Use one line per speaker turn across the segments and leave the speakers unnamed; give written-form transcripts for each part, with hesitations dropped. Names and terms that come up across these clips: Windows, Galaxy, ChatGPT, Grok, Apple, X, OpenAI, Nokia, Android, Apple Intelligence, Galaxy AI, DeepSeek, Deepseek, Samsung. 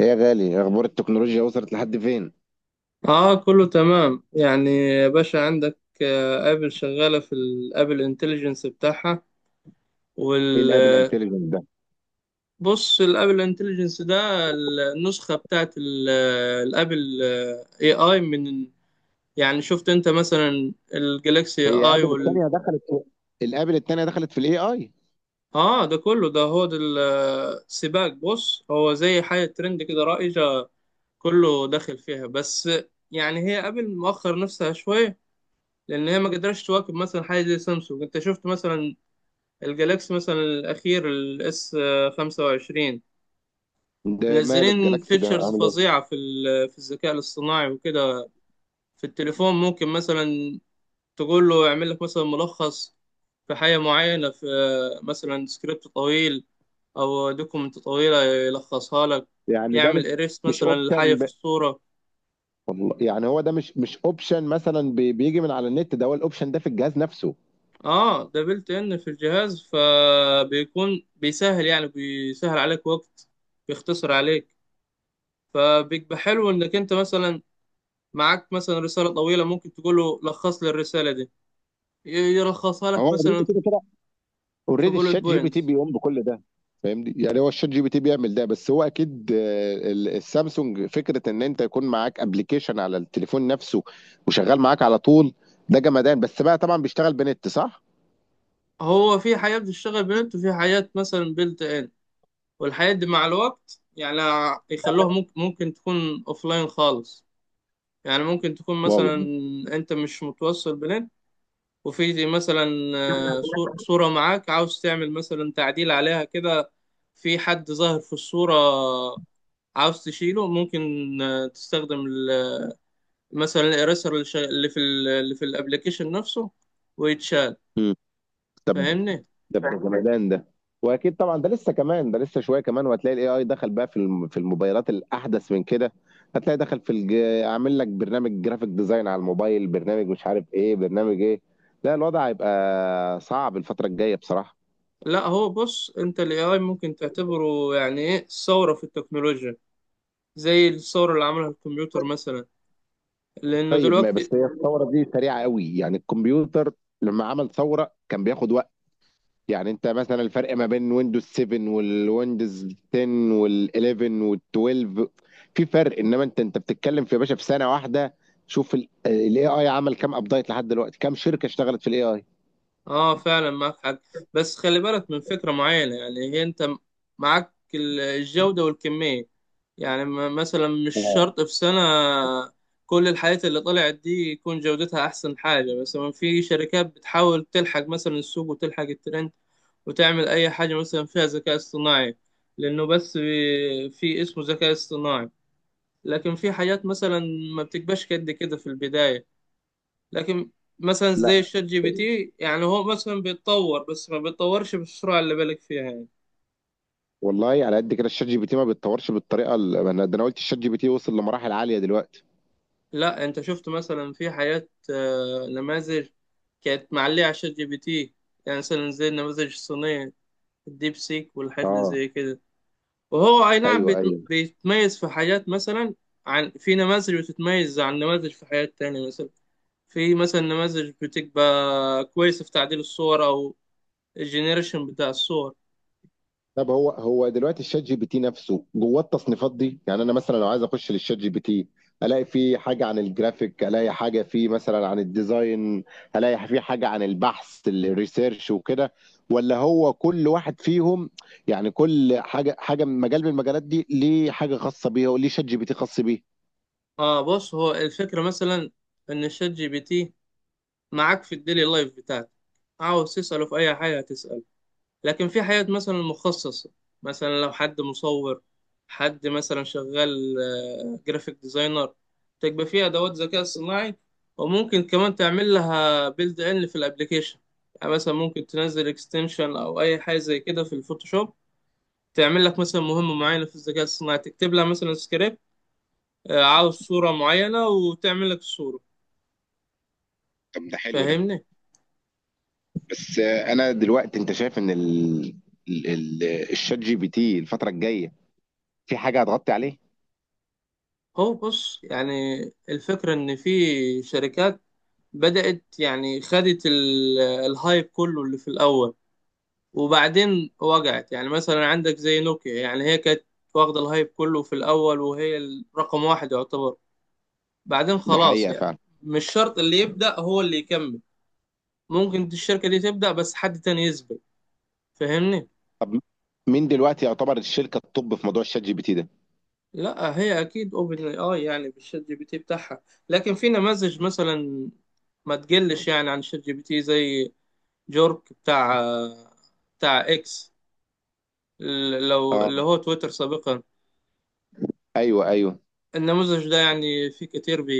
ايه يا غالي، اخبار التكنولوجيا وصلت لحد فين؟
اه، كله تمام يعني يا باشا عندك، ابل شغاله في الابل انتليجنس بتاعها
ايه الابل
وال
انتليجنس ده؟
بص، الابل انتليجنس ده، النسخه بتاعت الابل، اي اي من. يعني شفت انت مثلا الجلاكسي اي
هي
اي
ابل الثانيه دخلت في الابل الثانيه دخلت في الاي اي؟
اه، ده كله ده هو ده السباق. بص، هو زي حاجه ترند كده، رائجه، كله داخل فيها. بس يعني هي ابل مؤخر نفسها شويه، لان هي ما قدرتش تواكب مثلا حاجه زي سامسونج. انت شفت مثلا الجالاكسي، مثلا الأخير الاس 25،
ده ماله
منزلين
الجلاكسي ده
فيتشرز
عامل ايه؟
فظيعة في في الذكاء الاصطناعي وكده. في التليفون ممكن مثلا تقول له يعمل لك مثلا ملخص في حاجة معينة، في مثلا سكريبت طويل أو دوكومنت طويلة، يلخصها لك.
يعني ده مش
يعمل إيريست
مش
مثلا لحاجة
اوبشن
في
ب...
الصورة.
والله يعني هو ده مش اوبشن مثلا بيجي من على النت، ده هو الاوبشن ده في الجهاز نفسه؟
اه، ده بلت ان في الجهاز، فبيكون بيسهل، يعني بيسهل عليك وقت، بيختصر عليك. فبيبقى حلو انك انت مثلا معاك مثلا رسالة طويلة، ممكن تقول له لخص لي الرسالة دي، يلخصها
هو
لك
اوريدي
مثلا
كده،
في
اوريدي
بولت
الشات جي بي تي
بوينتس.
بيقوم بكل ده. فاهمني؟ يعني هو الشات جي بي تي بيعمل ده، بس هو اكيد السامسونج فكره ان انت يكون معاك ابلكيشن على التليفون نفسه وشغال معاك على طول. ده جمدان، بس بقى طبعا بيشتغل بنت، صح؟
هو في حياة بتشتغل بنت، وفي حياة مثلا بيلت ان، والحياة دي مع الوقت يعني يخلوها ممكن تكون لاين خالص. يعني ممكن تكون
واو،
مثلا
يعني
انت مش متوصل بنت، وفي دي مثلا صورة معاك، عاوز تعمل مثلا تعديل عليها كده، في حد ظاهر في الصورة عاوز تشيله. ممكن تستخدم مثلا الايريسر اللي شا- اللي في ال- اللي في الابلكيشن نفسه، ويتشال.
مم. طب
فاهمني؟
ده جمدان ده. واكيد طبعا ده لسه كمان، ده لسه شويه كمان، وهتلاقي الاي اي دخل بقى في في الموبايلات الاحدث من كده. هتلاقي دخل في عامل لك برنامج جرافيك ديزاين على الموبايل، برنامج مش عارف ايه، برنامج ايه. لا، الوضع هيبقى صعب الفتره الجايه بصراحه.
لا، هو بص، انت الاي اي ممكن تعتبره يعني ايه ثوره في التكنولوجيا، زي الثوره اللي عملها الكمبيوتر مثلا، لانه
طيب ما
دلوقتي.
بس هي الثوره دي سريعه قوي، يعني الكمبيوتر لما عمل ثوره كان بياخد وقت. يعني انت مثلا الفرق ما بين ويندوز 7 والويندوز 10 وال11 وال12، في فرق، انما انت بتتكلم في يا باشا في سنه واحده. شوف الاي اي عمل كام ابديت لحد دلوقتي، كام شركه اشتغلت في الاي اي.
اه فعلا، معاك حق. بس خلي بالك من فكره معينه، يعني هي انت معاك الجوده والكميه. يعني مثلا مش
اه.
شرط في سنه كل الحاجات اللي طلعت دي يكون جودتها احسن حاجه. مثلا في شركات بتحاول تلحق مثلا السوق وتلحق الترند، وتعمل أي حاجة مثلا فيها ذكاء اصطناعي، لأنه بس في اسمه ذكاء اصطناعي. لكن في حاجات مثلا ما بتبقاش قد كده في البداية، لكن مثلا زي
لا
الشات جي بي تي، يعني هو مثلا بيتطور بس ما بيتطورش بالسرعة اللي بالك فيها يعني.
والله، على قد كده الشات جي بي تي ما بيتطورش بالطريقه انا قلت الشات جي بي تي وصل لمراحل عاليه دلوقتي.
لا، أنت شفت مثلا في حاجات، نماذج كانت معلية على الشات جي بي تي، يعني مثلا زي النماذج الصينية، الديب سيك والحاجات اللي
اه،
زي كده. وهو أي نعم
ايوه ايوه.
بيتميز في حاجات مثلا، عن في نماذج بتتميز عن نماذج في حاجات تانية مثلا. في مثلا نماذج بتبقى كويسة في تعديل الصور أو الجنريشن بتاع الصور.
طب هو دلوقتي الشات جي بي تي نفسه جواه التصنيفات دي؟ يعني انا مثلا لو عايز اخش للشات جي بي تي الاقي فيه حاجه عن الجرافيك، الاقي حاجه فيه مثلا عن الديزاين، الاقي فيه حاجه عن البحث الريسيرش وكده؟ ولا هو كل واحد فيهم؟ يعني كل حاجه، حاجه من مجال من المجالات دي ليه حاجه خاصه بيها وليه شات جي بي تي خاص بيه؟
اه، بص، هو الفكرة مثلا إن الشات جي بي تي معاك في الديلي لايف بتاعتك، عاوز تسأله في أي حاجة هتسأله. لكن في حاجات مثلا مخصصة، مثلا لو حد مصور، حد مثلا شغال جرافيك ديزاينر، تبقى فيها أدوات ذكاء صناعي، وممكن كمان تعمل لها بيلد إن في الأبليكيشن. يعني مثلا ممكن تنزل اكستنشن أو أي حاجة زي كده في الفوتوشوب، تعمل لك مثلا مهمة معينة في الذكاء الصناعي، تكتب لها مثلا سكريبت، عاوز صورة معينة، وتعمل لك الصورة.
طب ده حلو ده.
فاهمني؟
بس آه، انا دلوقتي انت شايف ان ال... ال- الشات جي بي تي الفتره الجايه في حاجه هتغطي عليه؟
هو بص يعني، الفكرة إن في شركات بدأت، يعني خدت الهايب كله اللي في الأول، وبعدين وجعت. يعني مثلا عندك زي نوكيا، يعني هي كانت واخدة الهايب كله في الأول، وهي رقم واحد يعتبر، بعدين
ده
خلاص يعني.
حقيقه.
مش شرط اللي يبدأ هو اللي يكمل، ممكن الشركة دي تبدأ بس حد تاني يسبق. فاهمني؟
طب مين دلوقتي يعتبر الشركه التوب في موضوع الشات جي بي تي ده؟
لا، هي أكيد أوبن أي آي، يعني بالشات جي بي تي بتاعها، لكن في نماذج مثلا ما تقلش يعني عن شات جي بي تي، زي جورك بتاع إكس، لو
اه،
اللي هو تويتر سابقا.
ايوه ايوه.
النموذج ده يعني في كتير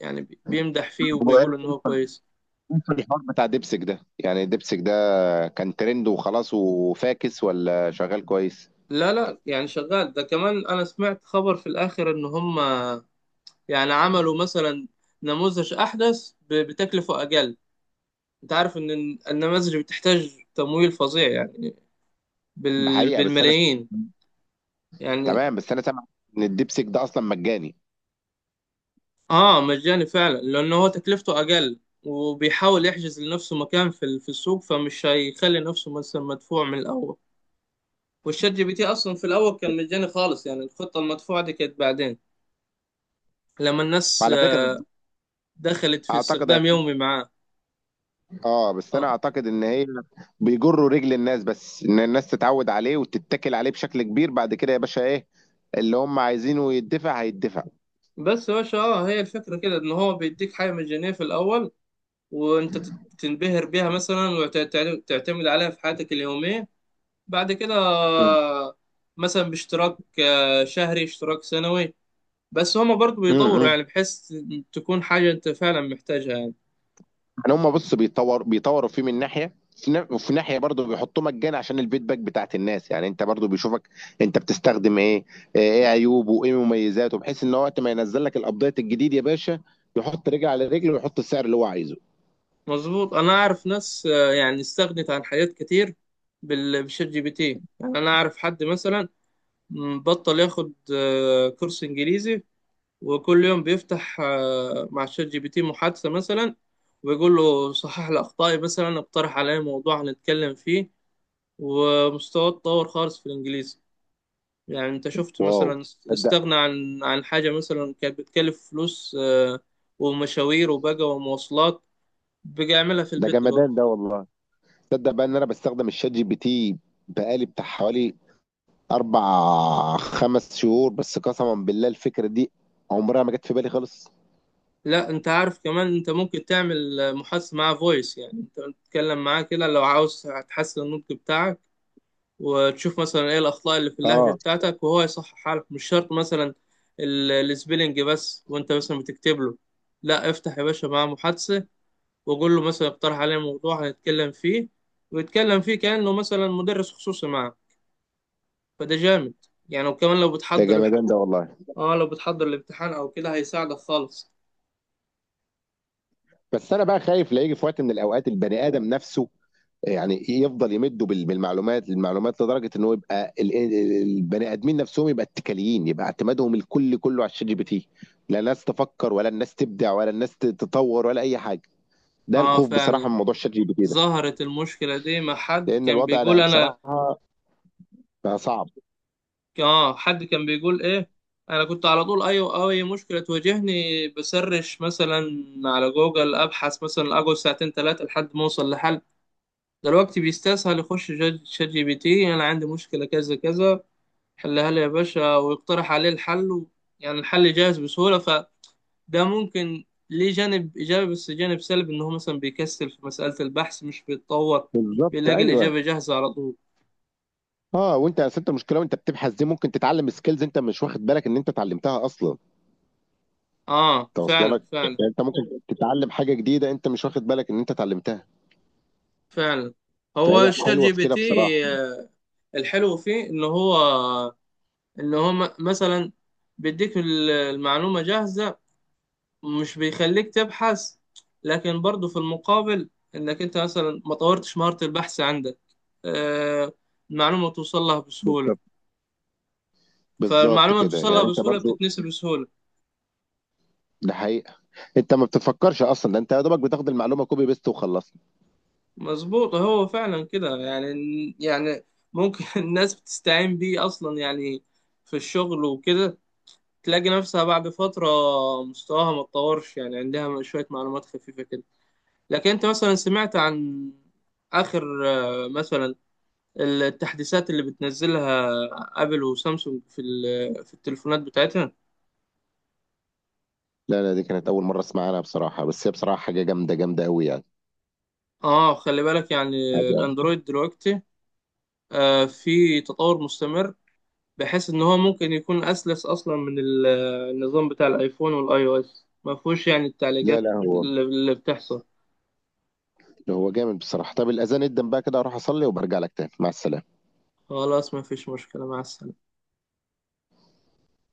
يعني بيمدح فيه
هو ايه
وبيقول ان هو كويس.
في الحوار بتاع دبسك ده؟ يعني دبسك ده كان ترند وخلاص وفاكس، ولا شغال كويس؟
لا لا، يعني شغال ده كمان. انا سمعت خبر في الاخر ان هم يعني عملوا مثلا نموذج احدث بتكلفة اقل. انت عارف ان النماذج بتحتاج تمويل فظيع يعني،
ده حقيقه. بس انا
بالملايين يعني.
تمام، بس انا سامع ان الدبسك ده اصلا مجاني.
اه، مجاني فعلا، لان هو تكلفته اقل، وبيحاول يحجز لنفسه مكان في في السوق، فمش هيخلي نفسه مثلا مدفوع من الاول. والشات جي بي تي اصلا في الاول كان مجاني خالص، يعني الخطه المدفوعه دي كانت بعدين، لما الناس
وعلى فكره
دخلت في
اعتقد،
استخدام يومي معاه.
اه بس انا
اه،
اعتقد ان هي بيجروا رجل الناس بس ان الناس تتعود عليه وتتكل عليه بشكل كبير، بعد كده يا باشا ايه، اللي هم عايزينه يدفع هيدفع.
بس يا باشا، اه، هي الفكره كده ان هو بيديك حاجه مجانيه في الاول، وانت تنبهر بيها مثلا، وتعتمد عليها في حياتك اليوميه، بعد كده مثلا باشتراك شهري، اشتراك سنوي. بس هما برضو بيطوروا،
امم
يعني بحيث تكون حاجه انت فعلا محتاجها يعني.
يعني هم بص بيطوروا فيه من ناحيه، وفي ناحيه برضه بيحطوه مجانا عشان الفيدباك بتاعت الناس. يعني انت برضه بيشوفك انت بتستخدم ايه، ايه عيوبه وايه مميزاته، بحيث ان هو وقت ما ينزل لك الابديت الجديد يا باشا يحط رجل على رجل ويحط السعر اللي هو عايزه.
مظبوط، انا اعرف ناس، يعني استغنت عن حاجات كتير بالشات جي بي تي. يعني انا اعرف حد مثلا، بطل ياخد كورس انجليزي، وكل يوم بيفتح مع الشات جي بي تي محادثة مثلا، ويقول له صحح لي اخطائي، مثلا اقترح عليا موضوع هنتكلم فيه، ومستواه اتطور خالص في الانجليزي. يعني انت شفت
واو.
مثلا،
تصدق
استغنى عن حاجة مثلا كانت بتكلف فلوس، ومشاوير وبقى ومواصلات، بقى يعملها في
ده
البيت دلوقتي.
جمدان ده والله. تصدق بقى ان انا بستخدم الشات جي بي تي بقالي بتاع حوالي اربع خمس شهور بس، قسما بالله الفكره دي عمرها ما جت في بالي خالص.
لا، انت عارف كمان انت ممكن تعمل محادثة معاه فويس، يعني انت تتكلم معاه كده لو عاوز تحسن النطق بتاعك، وتشوف مثلا ايه الاخطاء اللي في اللهجة
اه
بتاعتك وهو يصححها لك. مش شرط مثلا السبيلنج بس وانت مثلا بتكتب له. لا، افتح يا باشا معاه محادثة، وقول له مثلا اقترح عليه موضوع هنتكلم فيه، ويتكلم فيه كأنه مثلا مدرس خصوصي معاه. فده جامد يعني. وكمان لو
ده
بتحضر
جمدان ده والله.
اه لو بتحضر الامتحان او كده هيساعدك خالص.
بس انا بقى خايف لا يجي في وقت من الاوقات البني ادم نفسه، يعني يفضل يمده بالمعلومات المعلومات لدرجه ان هو يبقى البني ادمين نفسهم يبقى اتكاليين، يبقى اعتمادهم كله على الشات جي بي تي. لا الناس تفكر، ولا الناس تبدع، ولا الناس تتطور، ولا اي حاجه. ده
اه
الخوف
فعلا.
بصراحه من موضوع الشات جي بي تي ده،
ظهرت المشكلة دي، ما حد
لان
كان
الوضع انا
بيقول أنا؟
بصراحه بقى صعب.
حد كان بيقول إيه. أنا كنت على طول أي مشكلة تواجهني بسرش مثلا على جوجل، أبحث مثلا، أقعد ساعتين تلاتة لحد ما أوصل لحل. دلوقتي بيستسهل يخش شات جي بي تي، أنا عندي مشكلة كذا كذا، حلها لي يا باشا، ويقترح عليه الحل يعني الحل جاهز بسهولة. فده ممكن ليه جانب إيجابي، بس جانب سلبي إن هو مثلا بيكسل في مسألة البحث، مش بيتطور،
بالظبط،
بيلاقي
ايوه.
الإجابة جاهزة على طول.
اه، وانت يا انت المشكله وانت بتبحث دي ممكن تتعلم سكيلز انت مش واخد بالك ان انت اتعلمتها اصلا.
اه
انت واصله
فعلا
لك،
فعلا
يعني انت ممكن تتعلم حاجه جديده انت مش واخد بالك ان انت اتعلمتها.
فعلا، هو
فهي
الشات
حلوه
جي
في
بي
كده
تي،
بصراحه.
آه، الحلو فيه ان هو، مثلا بيديك المعلومة جاهزة، مش بيخليك تبحث. لكن برضو في المقابل انك انت مثلا ما طورتش مهارة البحث عندك. آه المعلومة توصل لها بسهولة،
بالظبط، بالظبط
فالمعلومة اللي
كده،
توصل لها
يعني انت
بسهولة
برضو.
بتتنسي بسهولة.
ده حقيقه. انت ما بتفكرش اصلا، ده انت يا دوبك بتاخد المعلومه كوبي بيست وخلصنا.
مظبوط، هو فعلا كده يعني. يعني ممكن الناس بتستعين بيه اصلا يعني في الشغل وكده، تلاقي نفسها بعد فترة مستواها ما اتطورش، يعني عندها شوية معلومات خفيفة كده. لكن أنت مثلا سمعت عن آخر مثلا التحديثات اللي بتنزلها آبل وسامسونج في في التليفونات بتاعتها.
لا لا، دي كانت اول مره اسمع عنها بصراحه، بس هي بصراحه حاجه جامده جامده قوي يعني.
اه خلي بالك يعني،
حاجه.
الأندرويد دلوقتي في تطور مستمر، بحيث إن هو ممكن يكون أسلس أصلا من النظام بتاع الآيفون والآي أو إس. ما فيهوش يعني
لا
التعليقات
لا، هو
اللي بتحصل.
هو جامد بصراحه. طب الاذان ادن بقى كده، اروح اصلي وبرجع لك تاني، مع السلامه.
خلاص، ما فيش مشكلة، مع السلامة.